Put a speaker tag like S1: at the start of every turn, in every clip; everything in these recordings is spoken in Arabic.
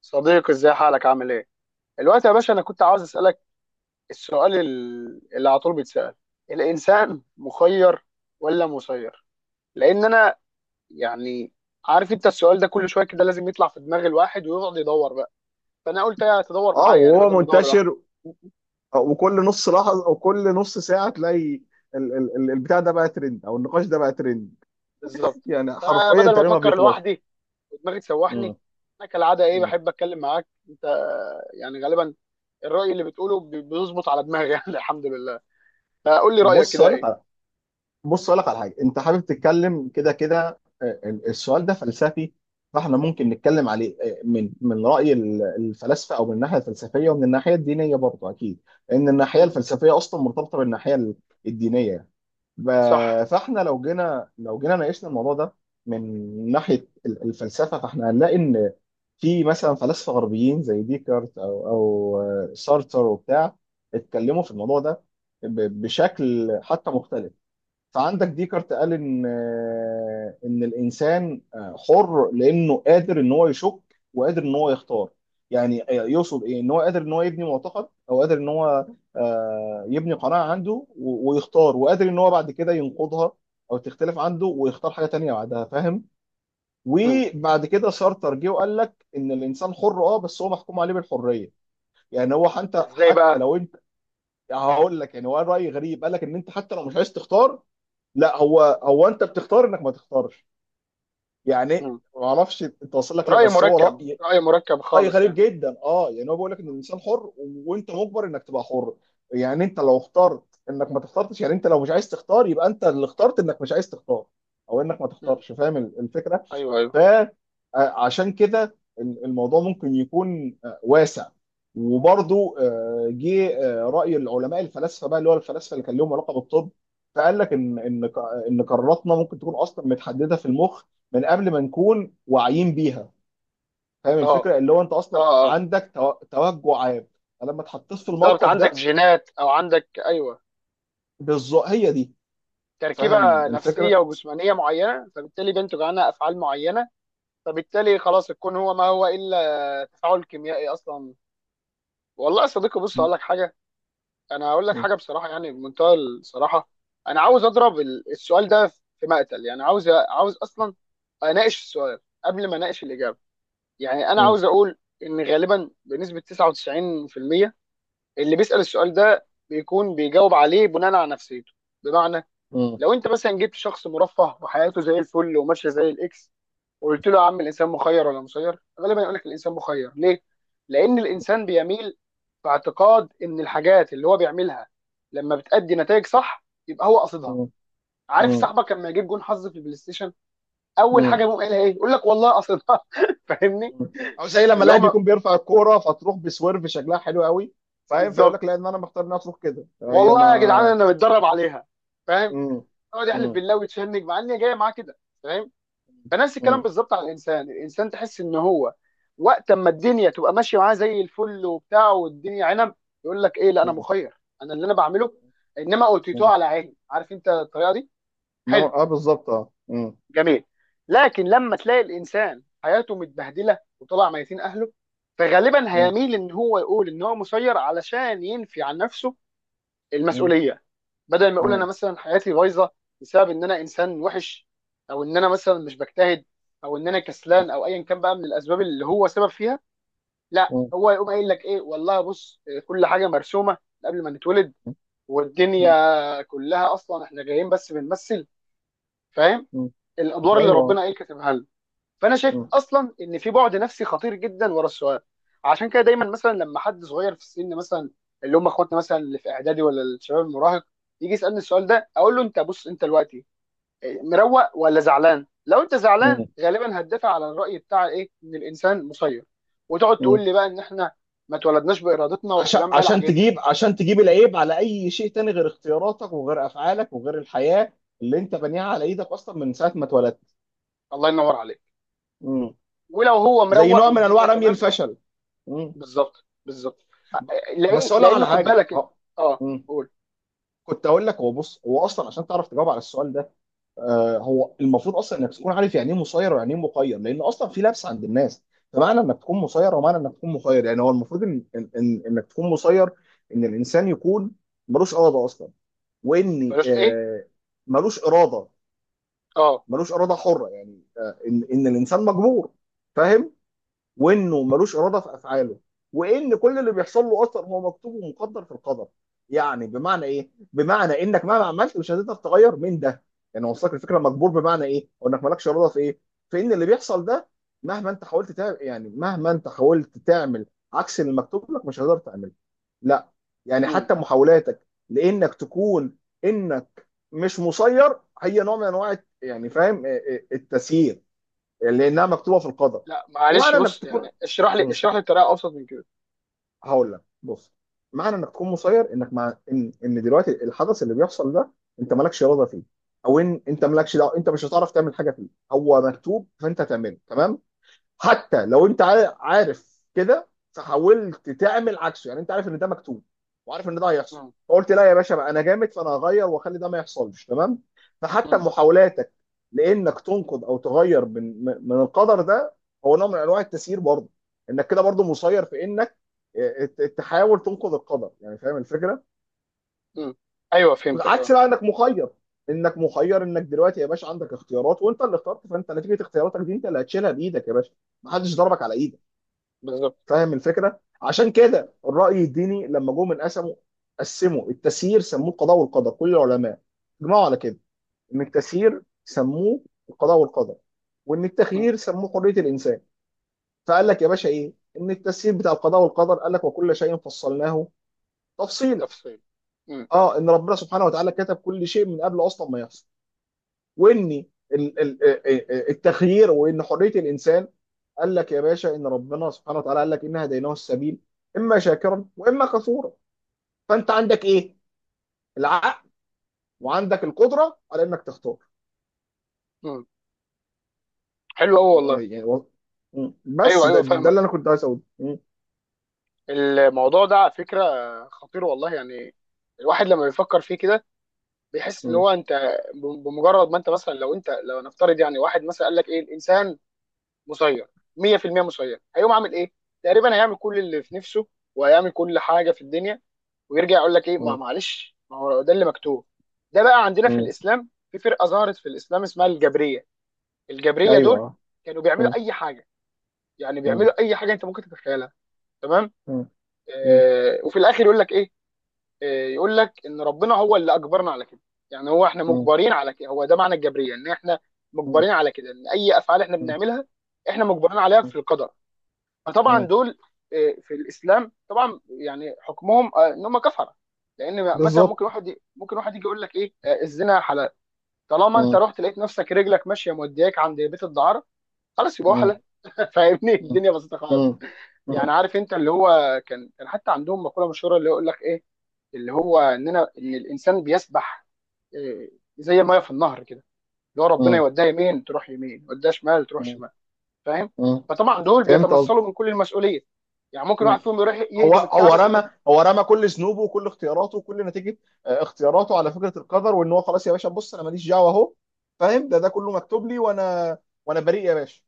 S1: صديقي ازاي حالك، عامل ايه؟ الوقت يا باشا انا كنت عاوز اسالك السؤال اللي على طول بيتسال: الانسان مخير ولا مسير؟ لان انا يعني عارف انت، السؤال ده كل شويه كده لازم يطلع في دماغ الواحد، ويقعد يدور بقى. فانا قلت ايه، تدور
S2: اه،
S1: معايا يعني،
S2: وهو
S1: بدل ما ادور لوحدي.
S2: منتشر. وكل نص لحظه او كل نص ساعه تلاقي البتاع ده بقى ترند او النقاش ده بقى ترند.
S1: بالظبط.
S2: يعني حرفيا
S1: فبدل ما
S2: تقريبا ما
S1: افكر
S2: بيخلص.
S1: لوحدي ودماغي تسوحني،
S2: مم.
S1: انا كالعاده ايه،
S2: مم.
S1: بحب اتكلم معاك انت. يعني غالبا الراي اللي بتقوله بيظبط على دماغي يعني الحمد لله. فقول لي رايك
S2: بص
S1: كده،
S2: اقول لك
S1: ايه؟
S2: على بص اقول لك على حاجه. انت حابب تتكلم كده كده، السؤال ده فلسفي. فاحنا ممكن نتكلم عليه، من راي الفلاسفه، او من الناحيه الفلسفيه ومن الناحيه الدينيه برضه اكيد. لان الناحيه
S1: امم.
S2: الفلسفيه اصلا مرتبطه بالناحيه الدينيه.
S1: صح.
S2: فاحنا لو جينا ناقشنا الموضوع ده، من ناحيه الفلسفه. فاحنا هنلاقي ان في مثلا فلاسفه غربيين زي ديكارت او سارتر وبتاع، اتكلموا في الموضوع ده بشكل حتى مختلف. فعندك ديكارت قال ان الانسان، حر لانه قادر ان هو يشك، وقادر ان هو يختار. يعني يقصد ايه؟ ان هو قادر ان هو يبني معتقد، او قادر ان هو يبني قناعه عنده، ويختار، وقادر ان هو بعد كده ينقضها او تختلف عنده ويختار حاجه تانية بعدها، فاهم؟ وبعد كده سارتر جه وقال لك ان الانسان حر، بس هو محكوم عليه بالحريه. يعني هو حتى
S1: ازاي
S2: حتى
S1: بقى؟
S2: لو انت... هقول لك، يعني هو راي غريب. قال لك ان انت حتى لو مش عايز تختار، لا، هو انت بتختار انك ما تختارش. يعني
S1: مم.
S2: ما اعرفش انت واصل لك، لا
S1: رأي
S2: بس هو
S1: مركب،
S2: راي
S1: رأي مركب
S2: راي
S1: خالص
S2: غريب
S1: يعني.
S2: جدا. اه يعني هو بيقول لك ان الانسان حر، وانت مجبر انك تبقى حر. يعني انت لو اخترت انك ما تختارش، يعني انت لو مش عايز تختار، يبقى انت اللي اخترت انك مش عايز تختار، او انك ما
S1: مم.
S2: تختارش، فاهم الفكره؟
S1: ايوه، ايوه.
S2: فعشان كده الموضوع ممكن يكون، واسع. وبرضو، جه رأي العلماء الفلاسفة بقى، اللي هو الفلاسفة اللي كان لهم علاقة بالطب، فقال لك ان قراراتنا ممكن تكون اصلا متحددة في المخ من قبل ما نكون واعيين بيها، فاهم
S1: اه،
S2: الفكرة؟ اللي هو انت
S1: اه،
S2: اصلا
S1: اه.
S2: عندك توجع عام، فلما اتحطيت في
S1: بالظبط،
S2: الموقف
S1: عندك
S2: ده...
S1: جينات او عندك ايوه
S2: بالظبط هي دي، فاهم
S1: تركيبة نفسية
S2: الفكرة؟
S1: وجسمانية معينة، فبالتالي بينتج عنها افعال معينة. فبالتالي خلاص، الكون هو ما هو الا تفاعل كيميائي اصلا. والله يا صديقي، بص
S2: م-.
S1: اقول لك حاجة، انا هقول لك
S2: م-.
S1: حاجة بصراحة، يعني بمنتهى الصراحة. انا عاوز اضرب السؤال ده في مقتل، يعني عاوز، اصلا اناقش السؤال قبل ما اناقش الإجابة. يعني انا
S2: م-.
S1: عاوز اقول ان غالبا بنسبه 99% اللي بيسال السؤال ده بيكون بيجاوب عليه بناء على نفسيته. بمعنى،
S2: م-.
S1: لو انت مثلا جبت شخص مرفه وحياته زي الفل وماشيه زي الاكس، وقلت له يا عم الانسان مخير ولا مسير، غالبا يقول لك الانسان مخير. ليه؟ لان الانسان بيميل في اعتقاد ان الحاجات اللي هو بيعملها لما بتأدي نتائج صح يبقى هو قصدها.
S2: م-.
S1: عارف
S2: م-.
S1: صاحبك لما يجيب جون حظ في البلاي ستيشن، اول حاجه
S2: م-.
S1: يقوم قايلها ايه؟ يقول لك والله قصدها فاهمني؟
S2: او زي لما
S1: اللي هو
S2: لاعب
S1: ما-
S2: يكون بيرفع الكوره فتروح بسويرف شكلها حلو قوي، فاهم؟ فيقول
S1: بالظبط.
S2: لك لا، ان انا مختار انها تروح كده، هي
S1: والله يا جدعان
S2: ما...
S1: انا متدرب عليها، فاهم؟
S2: مم.
S1: يقعد يحلف
S2: مم.
S1: بالله ويتشنج مع ان هي جايه معاه كده، فاهم؟ فنفس الكلام
S2: مم.
S1: بالظبط على الانسان. الانسان تحس ان هو وقت اما الدنيا تبقى ماشيه معاه زي الفل وبتاع والدنيا عنب، يقول لك ايه، لا انا
S2: مم.
S1: مخير، انا اللي انا بعمله. انما اوتيتوه
S2: مم.
S1: على عيني، عارف انت الطريقه دي.
S2: انما
S1: حلو.
S2: اه، بالظبط، اه. مم.
S1: جميل. لكن لما تلاقي الانسان حياته متبهدله وطلع ميتين اهله، فغالبا
S2: مم.
S1: هيميل ان هو يقول ان هو مسير علشان ينفي عن نفسه
S2: مم.
S1: المسؤوليه. بدل ما اقول انا
S2: مم.
S1: مثلا حياتي بايظه بسبب ان انا انسان وحش، او ان انا مثلا مش بجتهد، او ان انا كسلان، او ايا كان بقى من الاسباب اللي هو سبب فيها، لا،
S2: مم.
S1: هو يقوم قايل لك ايه، والله بص كل حاجه مرسومه قبل ما نتولد،
S2: مم.
S1: والدنيا كلها اصلا احنا جايين بس بنمثل، فاهم،
S2: مم.
S1: الادوار اللي
S2: ايوه، آه.
S1: ربنا ايه كاتبها لنا. فانا شايف
S2: مم.
S1: اصلا ان في بعد نفسي خطير جدا ورا السؤال. عشان كده دايما مثلا لما حد صغير في السن، مثلا اللي هم اخواتنا مثلا اللي في اعدادي ولا الشباب المراهق، يجي يسالني السؤال ده، اقول له انت بص انت دلوقتي مروق ولا زعلان؟ لو انت زعلان
S2: مم.
S1: غالبا هتدافع على الراي بتاع ايه، ان الانسان مسير، وتقعد تقول
S2: مم.
S1: لي بقى ان احنا ما اتولدناش بارادتنا
S2: عشان
S1: والكلام بقى
S2: عشان
S1: العجيب ده.
S2: تجيب عشان تجيب العيب على اي شيء تاني، غير اختياراتك وغير افعالك وغير الحياه اللي انت بانيها على ايدك اصلا من ساعه ما اتولدت.
S1: الله ينور عليك.
S2: مم.
S1: ولو هو
S2: زي
S1: مروق
S2: نوع من انواع
S1: والدنيا
S2: رمي
S1: تمام،
S2: الفشل.
S1: بالظبط، بالظبط.
S2: ب-
S1: لان
S2: بس اقول لك
S1: لان
S2: على
S1: خد
S2: حاجه
S1: بالك، اه
S2: مم.
S1: قول.
S2: كنت اقول لك، هو بص، هو اصلا عشان تعرف تجاوب على السؤال ده، هو المفروض اصلا انك تكون عارف يعني ايه مسير ويعني ايه مخير، لان اصلا في لبس عند الناس. فمعنى انك تكون مسير، ومعنى انك تكون مخير، يعني هو المفروض إن انك تكون مسير، ان الانسان يكون ملوش اراده اصلا، وان
S1: بلاش ايه.
S2: ملوش اراده
S1: اه.
S2: ملوش اراده حره، يعني ان الانسان مجبور، فاهم؟ وانه ملوش اراده في افعاله، وان كل اللي بيحصل له اصلا هو مكتوب ومقدر في القدر. يعني بمعنى ايه؟ بمعنى انك مهما عملت مش هتقدر تغير من ده. يعني وصلك الفكره؟ مجبور بمعنى ايه؟ او انك مالكش اراده في ايه؟ في ان اللي بيحصل ده، مهما انت حاولت تعمل عكس اللي مكتوب لك، مش هتقدر تعمله، لا. يعني
S1: امم.
S2: حتى محاولاتك، لانك تكون، انك مش مسير، هي نوع من انواع، يعني فاهم، التسيير، لانها مكتوبه في القدر.
S1: لا معلش،
S2: ومعنى انك
S1: بص
S2: تكون.
S1: يعني اشرح لي،
S2: مم.
S1: اشرح لي بطريقه ابسط من كده.
S2: هقول لك بص. معنى انك تكون مسير، انك مع ان دلوقتي الحدث اللي بيحصل ده انت مالكش اراده فيه، او ان انت مالكش دعوه، انت مش هتعرف تعمل حاجه فيه، هو مكتوب فانت هتعمله، تمام. حتى لو انت عارف كده فحاولت تعمل عكسه، يعني انت عارف ان ده مكتوب، وعارف ان ده هيحصل،
S1: امم.
S2: فقلت لا يا باشا بقى، انا جامد، فانا هغير واخلي ده ما يحصلش، تمام؟ فحتى
S1: امم.
S2: محاولاتك لانك تنقض او تغير من من القدر ده، هو نوع من انواع التسيير برضه. انك كده برضه مسير في انك اه، تحاول تنقض القدر، يعني فاهم الفكره؟
S1: امم. ايوه فهمتك،
S2: عكس
S1: اه.
S2: بقى انك مخير. انك مخير، انك دلوقتي يا باشا عندك اختيارات، وانت اللي اخترت، فانت نتيجه اختياراتك دي انت اللي هتشيلها بايدك يا باشا، محدش ضربك على ايدك،
S1: بالظبط.
S2: فاهم الفكره؟ عشان كده الراي الديني لما جم من قسموا التسيير سموه القضاء والقدر. كل العلماء اجمعوا على كده، ان التسيير سموه القضاء والقدر، وان
S1: امم.
S2: التخيير سموه حريه الانسان. فقال لك يا باشا ايه؟ ان التسيير بتاع القضاء والقدر قال لك «وكل شيء فصلناه تفصيلا»،
S1: تفصيل. امم.
S2: اه ان ربنا سبحانه وتعالى كتب كل شيء من قبل اصلا ما يحصل. وان التخيير وان حريه الانسان، قال لك يا باشا ان ربنا سبحانه وتعالى قال لك «ان هديناه السبيل اما شاكرا واما كفورا». فانت عندك ايه؟ العقل، وعندك القدره على انك تختار.
S1: امم. حلو قوي
S2: و-
S1: والله.
S2: يعني و-
S1: ايوه،
S2: بس ده,
S1: ايوه
S2: ده
S1: فاهمك.
S2: اللي انا كنت عايز اقوله. م.
S1: الموضوع ده على فكرة خطير والله، يعني الواحد لما بيفكر فيه كده بيحس ان
S2: م.
S1: هو انت، بمجرد ما انت مثلا، لو انت، لو نفترض يعني واحد مثلا قال لك ايه، الانسان مسير 100% مسير، هيقوم عامل ايه؟ تقريبا هيعمل كل اللي في نفسه، وهيعمل كل حاجة في الدنيا، ويرجع يقول لك ايه، ما
S2: م.
S1: معلش، ما هو ده اللي مكتوب. ده بقى عندنا في
S2: م.
S1: الاسلام، في فرقة ظهرت في الاسلام اسمها الجبرية. الجبرية دول
S2: ايوه.
S1: كانوا
S2: م.
S1: بيعملوا اي حاجة، يعني
S2: م.
S1: بيعملوا اي حاجة انت ممكن تتخيلها، تمام؟
S2: م. م.
S1: آه، وفي الاخر يقول لك ايه؟ يقول لك ان ربنا هو اللي اجبرنا على كده. يعني هو احنا
S2: م.
S1: مجبرين على كده، هو ده معنى الجبريه، ان احنا
S2: م.
S1: مجبرين على كده، ان اي افعال احنا
S2: م.
S1: بنعملها احنا مجبرين عليها في القدر. فطبعا
S2: م.
S1: دول في الاسلام طبعا يعني حكمهم ان هم كفره. لان مثلا
S2: بالظبط.
S1: ممكن واحد، ممكن واحد يجي يقول لك ايه، الزنا حلال، طالما انت
S2: م.
S1: رحت لقيت نفسك رجلك ماشيه مودياك عند بيت الدعاره، خلاص يبقى هو
S2: م.
S1: حلال فاهمني؟
S2: م.
S1: الدنيا بسيطه خالص،
S2: م. م.
S1: يعني. عارف انت اللي هو، كان حتى عندهم مقوله مشهوره، اللي يقول لك ايه، اللي هو اننا، ان الانسان بيسبح آه، زي ميه في النهر كده، اللي هو ربنا
S2: م.
S1: يوديها يمين تروح يمين، يوديها شمال تروح شمال، فاهم؟
S2: م.
S1: فطبعا دول
S2: فهمت قصدي.
S1: بيتنصلوا من كل المسؤوليه. يعني ممكن واحد فيهم يروح
S2: هو
S1: يهدم
S2: هو
S1: الكعبه يقول لك،
S2: رمى هو رمى كل ذنوبه وكل اختياراته وكل نتيجه اختياراته على فكره القدر، وان هو خلاص يا باشا بص، انا ماليش دعوه اهو، فاهم؟ ده كله مكتوب لي، وانا بريء يا باشا.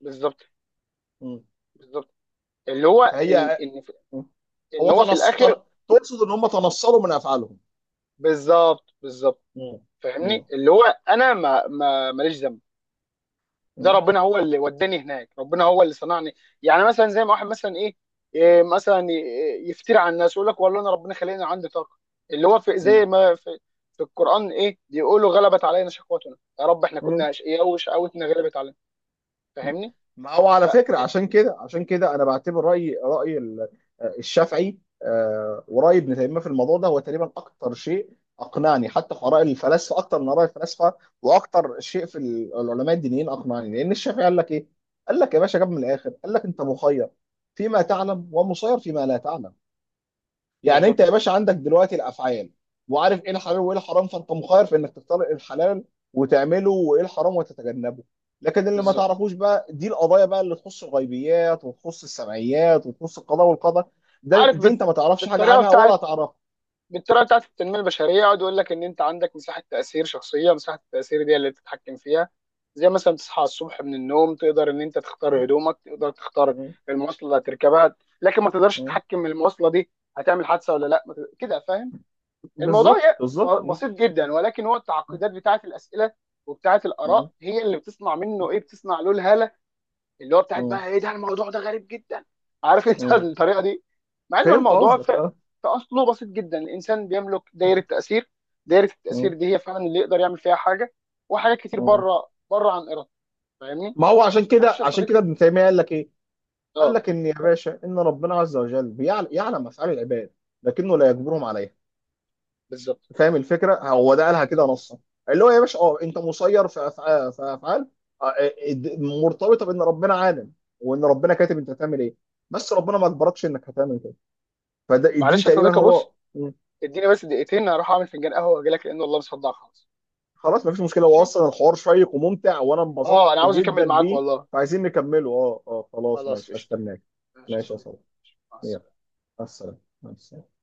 S1: بالظبط،
S2: مم.
S1: بالظبط. اللي هو ان
S2: فهي.
S1: ان
S2: مم.
S1: ان
S2: هو
S1: هو في
S2: تنص تن...
S1: الاخر،
S2: تقصد ان هم تنصلوا من افعالهم.
S1: بالظبط، بالظبط،
S2: مم. مم.
S1: فاهمني؟ اللي هو انا ما ماليش ذنب، ده ربنا هو اللي وداني هناك، ربنا هو اللي صنعني. يعني مثلا زي ما واحد مثلا ايه، مثلا يفتري على الناس يقول لك، والله انا ربنا خلاني عندي طاقه اللي هو،
S2: مم.
S1: زي ما في القران ايه بيقولوا، غلبت علينا شقوتنا يا رب، احنا
S2: مم.
S1: كنا اشقياء وشقوتنا غلبت علينا، فاهمني؟
S2: ما هو
S1: ف...
S2: على فكرة،
S1: ف-
S2: عشان كده أنا بعتبر رأي الشافعي، ورأي ابن تيمية في الموضوع ده، هو تقريبا أكتر شيء أقنعني، حتى في آراء الفلاسفة أكتر من آراء الفلاسفة. وأكتر شيء في العلماء الدينيين أقنعني، لأن الشافعي قال لك إيه؟ قال لك يا باشا، جاب من الآخر، قال لك «أنت مخير فيما تعلم ومسير فيما لا تعلم». يعني انت
S1: بالظبط،
S2: يا باشا عندك دلوقتي الافعال، وعارف ايه الحلال وايه الحرام، فانت مخير في انك تختار إيه الحلال وتعمله، وايه الحرام وتتجنبه. لكن اللي ما
S1: بالظبط.
S2: تعرفوش بقى، دي القضايا بقى اللي تخص الغيبيات، وتخص السمعيات، وتخص القضاء والقدر، ده
S1: عارف
S2: دي
S1: بت...
S2: انت ما تعرفش حاجه
S1: بالطريقه
S2: عنها ولا
S1: بتاعت،
S2: تعرفها.
S1: بالطريقه بتاعت التنميه البشريه، يقعد يقول لك ان انت عندك مساحه تاثير شخصيه، مساحه التاثير دي اللي تتحكم فيها. زي مثلا تصحى الصبح من النوم، تقدر ان انت تختار هدومك، تقدر تختار
S2: م-.
S1: المواصله اللي هتركبها، لكن ما تقدرش
S2: م-.
S1: تتحكم من المواصله دي هتعمل حادثه ولا لا، ما تقدر- كده فاهم؟ الموضوع
S2: بالظبط، بالظبط. م-.
S1: بسيط جدا، ولكن هو التعقيدات بتاعت الاسئله وبتاعت
S2: م-.
S1: الاراء هي اللي بتصنع منه ايه، بتصنع له الهاله اللي هو بتاعت
S2: م-.
S1: بقى ايه، ده الموضوع ده غريب جدا، عارف انت
S2: م-.
S1: الطريقه دي؟ مع ان
S2: فهمت
S1: الموضوع
S2: قصدك، اه.
S1: في اصله بسيط جدا. الانسان بيملك دايره
S2: م-.
S1: تاثير، دايره
S2: م-.
S1: التاثير دي هي فعلا اللي يقدر يعمل فيها حاجه، وحاجات كتير
S2: م.
S1: بره عن ارادته، فاهمني؟
S2: ما هو عشان
S1: معلش
S2: كده
S1: يا صديقي.
S2: ابن تيميه قال لك ايه؟ قال
S1: اه.
S2: لك ان يا باشا، ان ربنا عز وجل يعلم افعال العباد لكنه لا يجبرهم عليها،
S1: بالظبط،
S2: فاهم الفكره؟ هو ده قالها كده
S1: بالظبط.
S2: نصا. اللي هو يا باشا، انت مسير في افعال آه، آه، مرتبطه بان ربنا عالم، وان ربنا كاتب انت هتعمل ايه، بس ربنا ما اجبركش انك هتعمل كده. فده دي
S1: معلش يا
S2: تقريبا
S1: صديقي، بص
S2: هو. مم.
S1: اديني بس 2 دقيقتين اروح اعمل فنجان قهوه واجي لك، لان والله مصدع خالص.
S2: خلاص مفيش مشكله، هو
S1: ماشي.
S2: اصلا الحوار شيق وممتع، وانا انبسطت
S1: اه انا عاوز
S2: جدا
S1: اكمل معاك
S2: بيه.
S1: والله.
S2: فعايزين نكمله، اه اه. خلاص
S1: خلاص
S2: ماشي،
S1: قشطه.
S2: هستناك.
S1: ماشي يا
S2: ماشي يا
S1: صديقي،
S2: صاحبي.
S1: مع
S2: يلا،
S1: السلامه.
S2: مع السلامه. مع السلامة.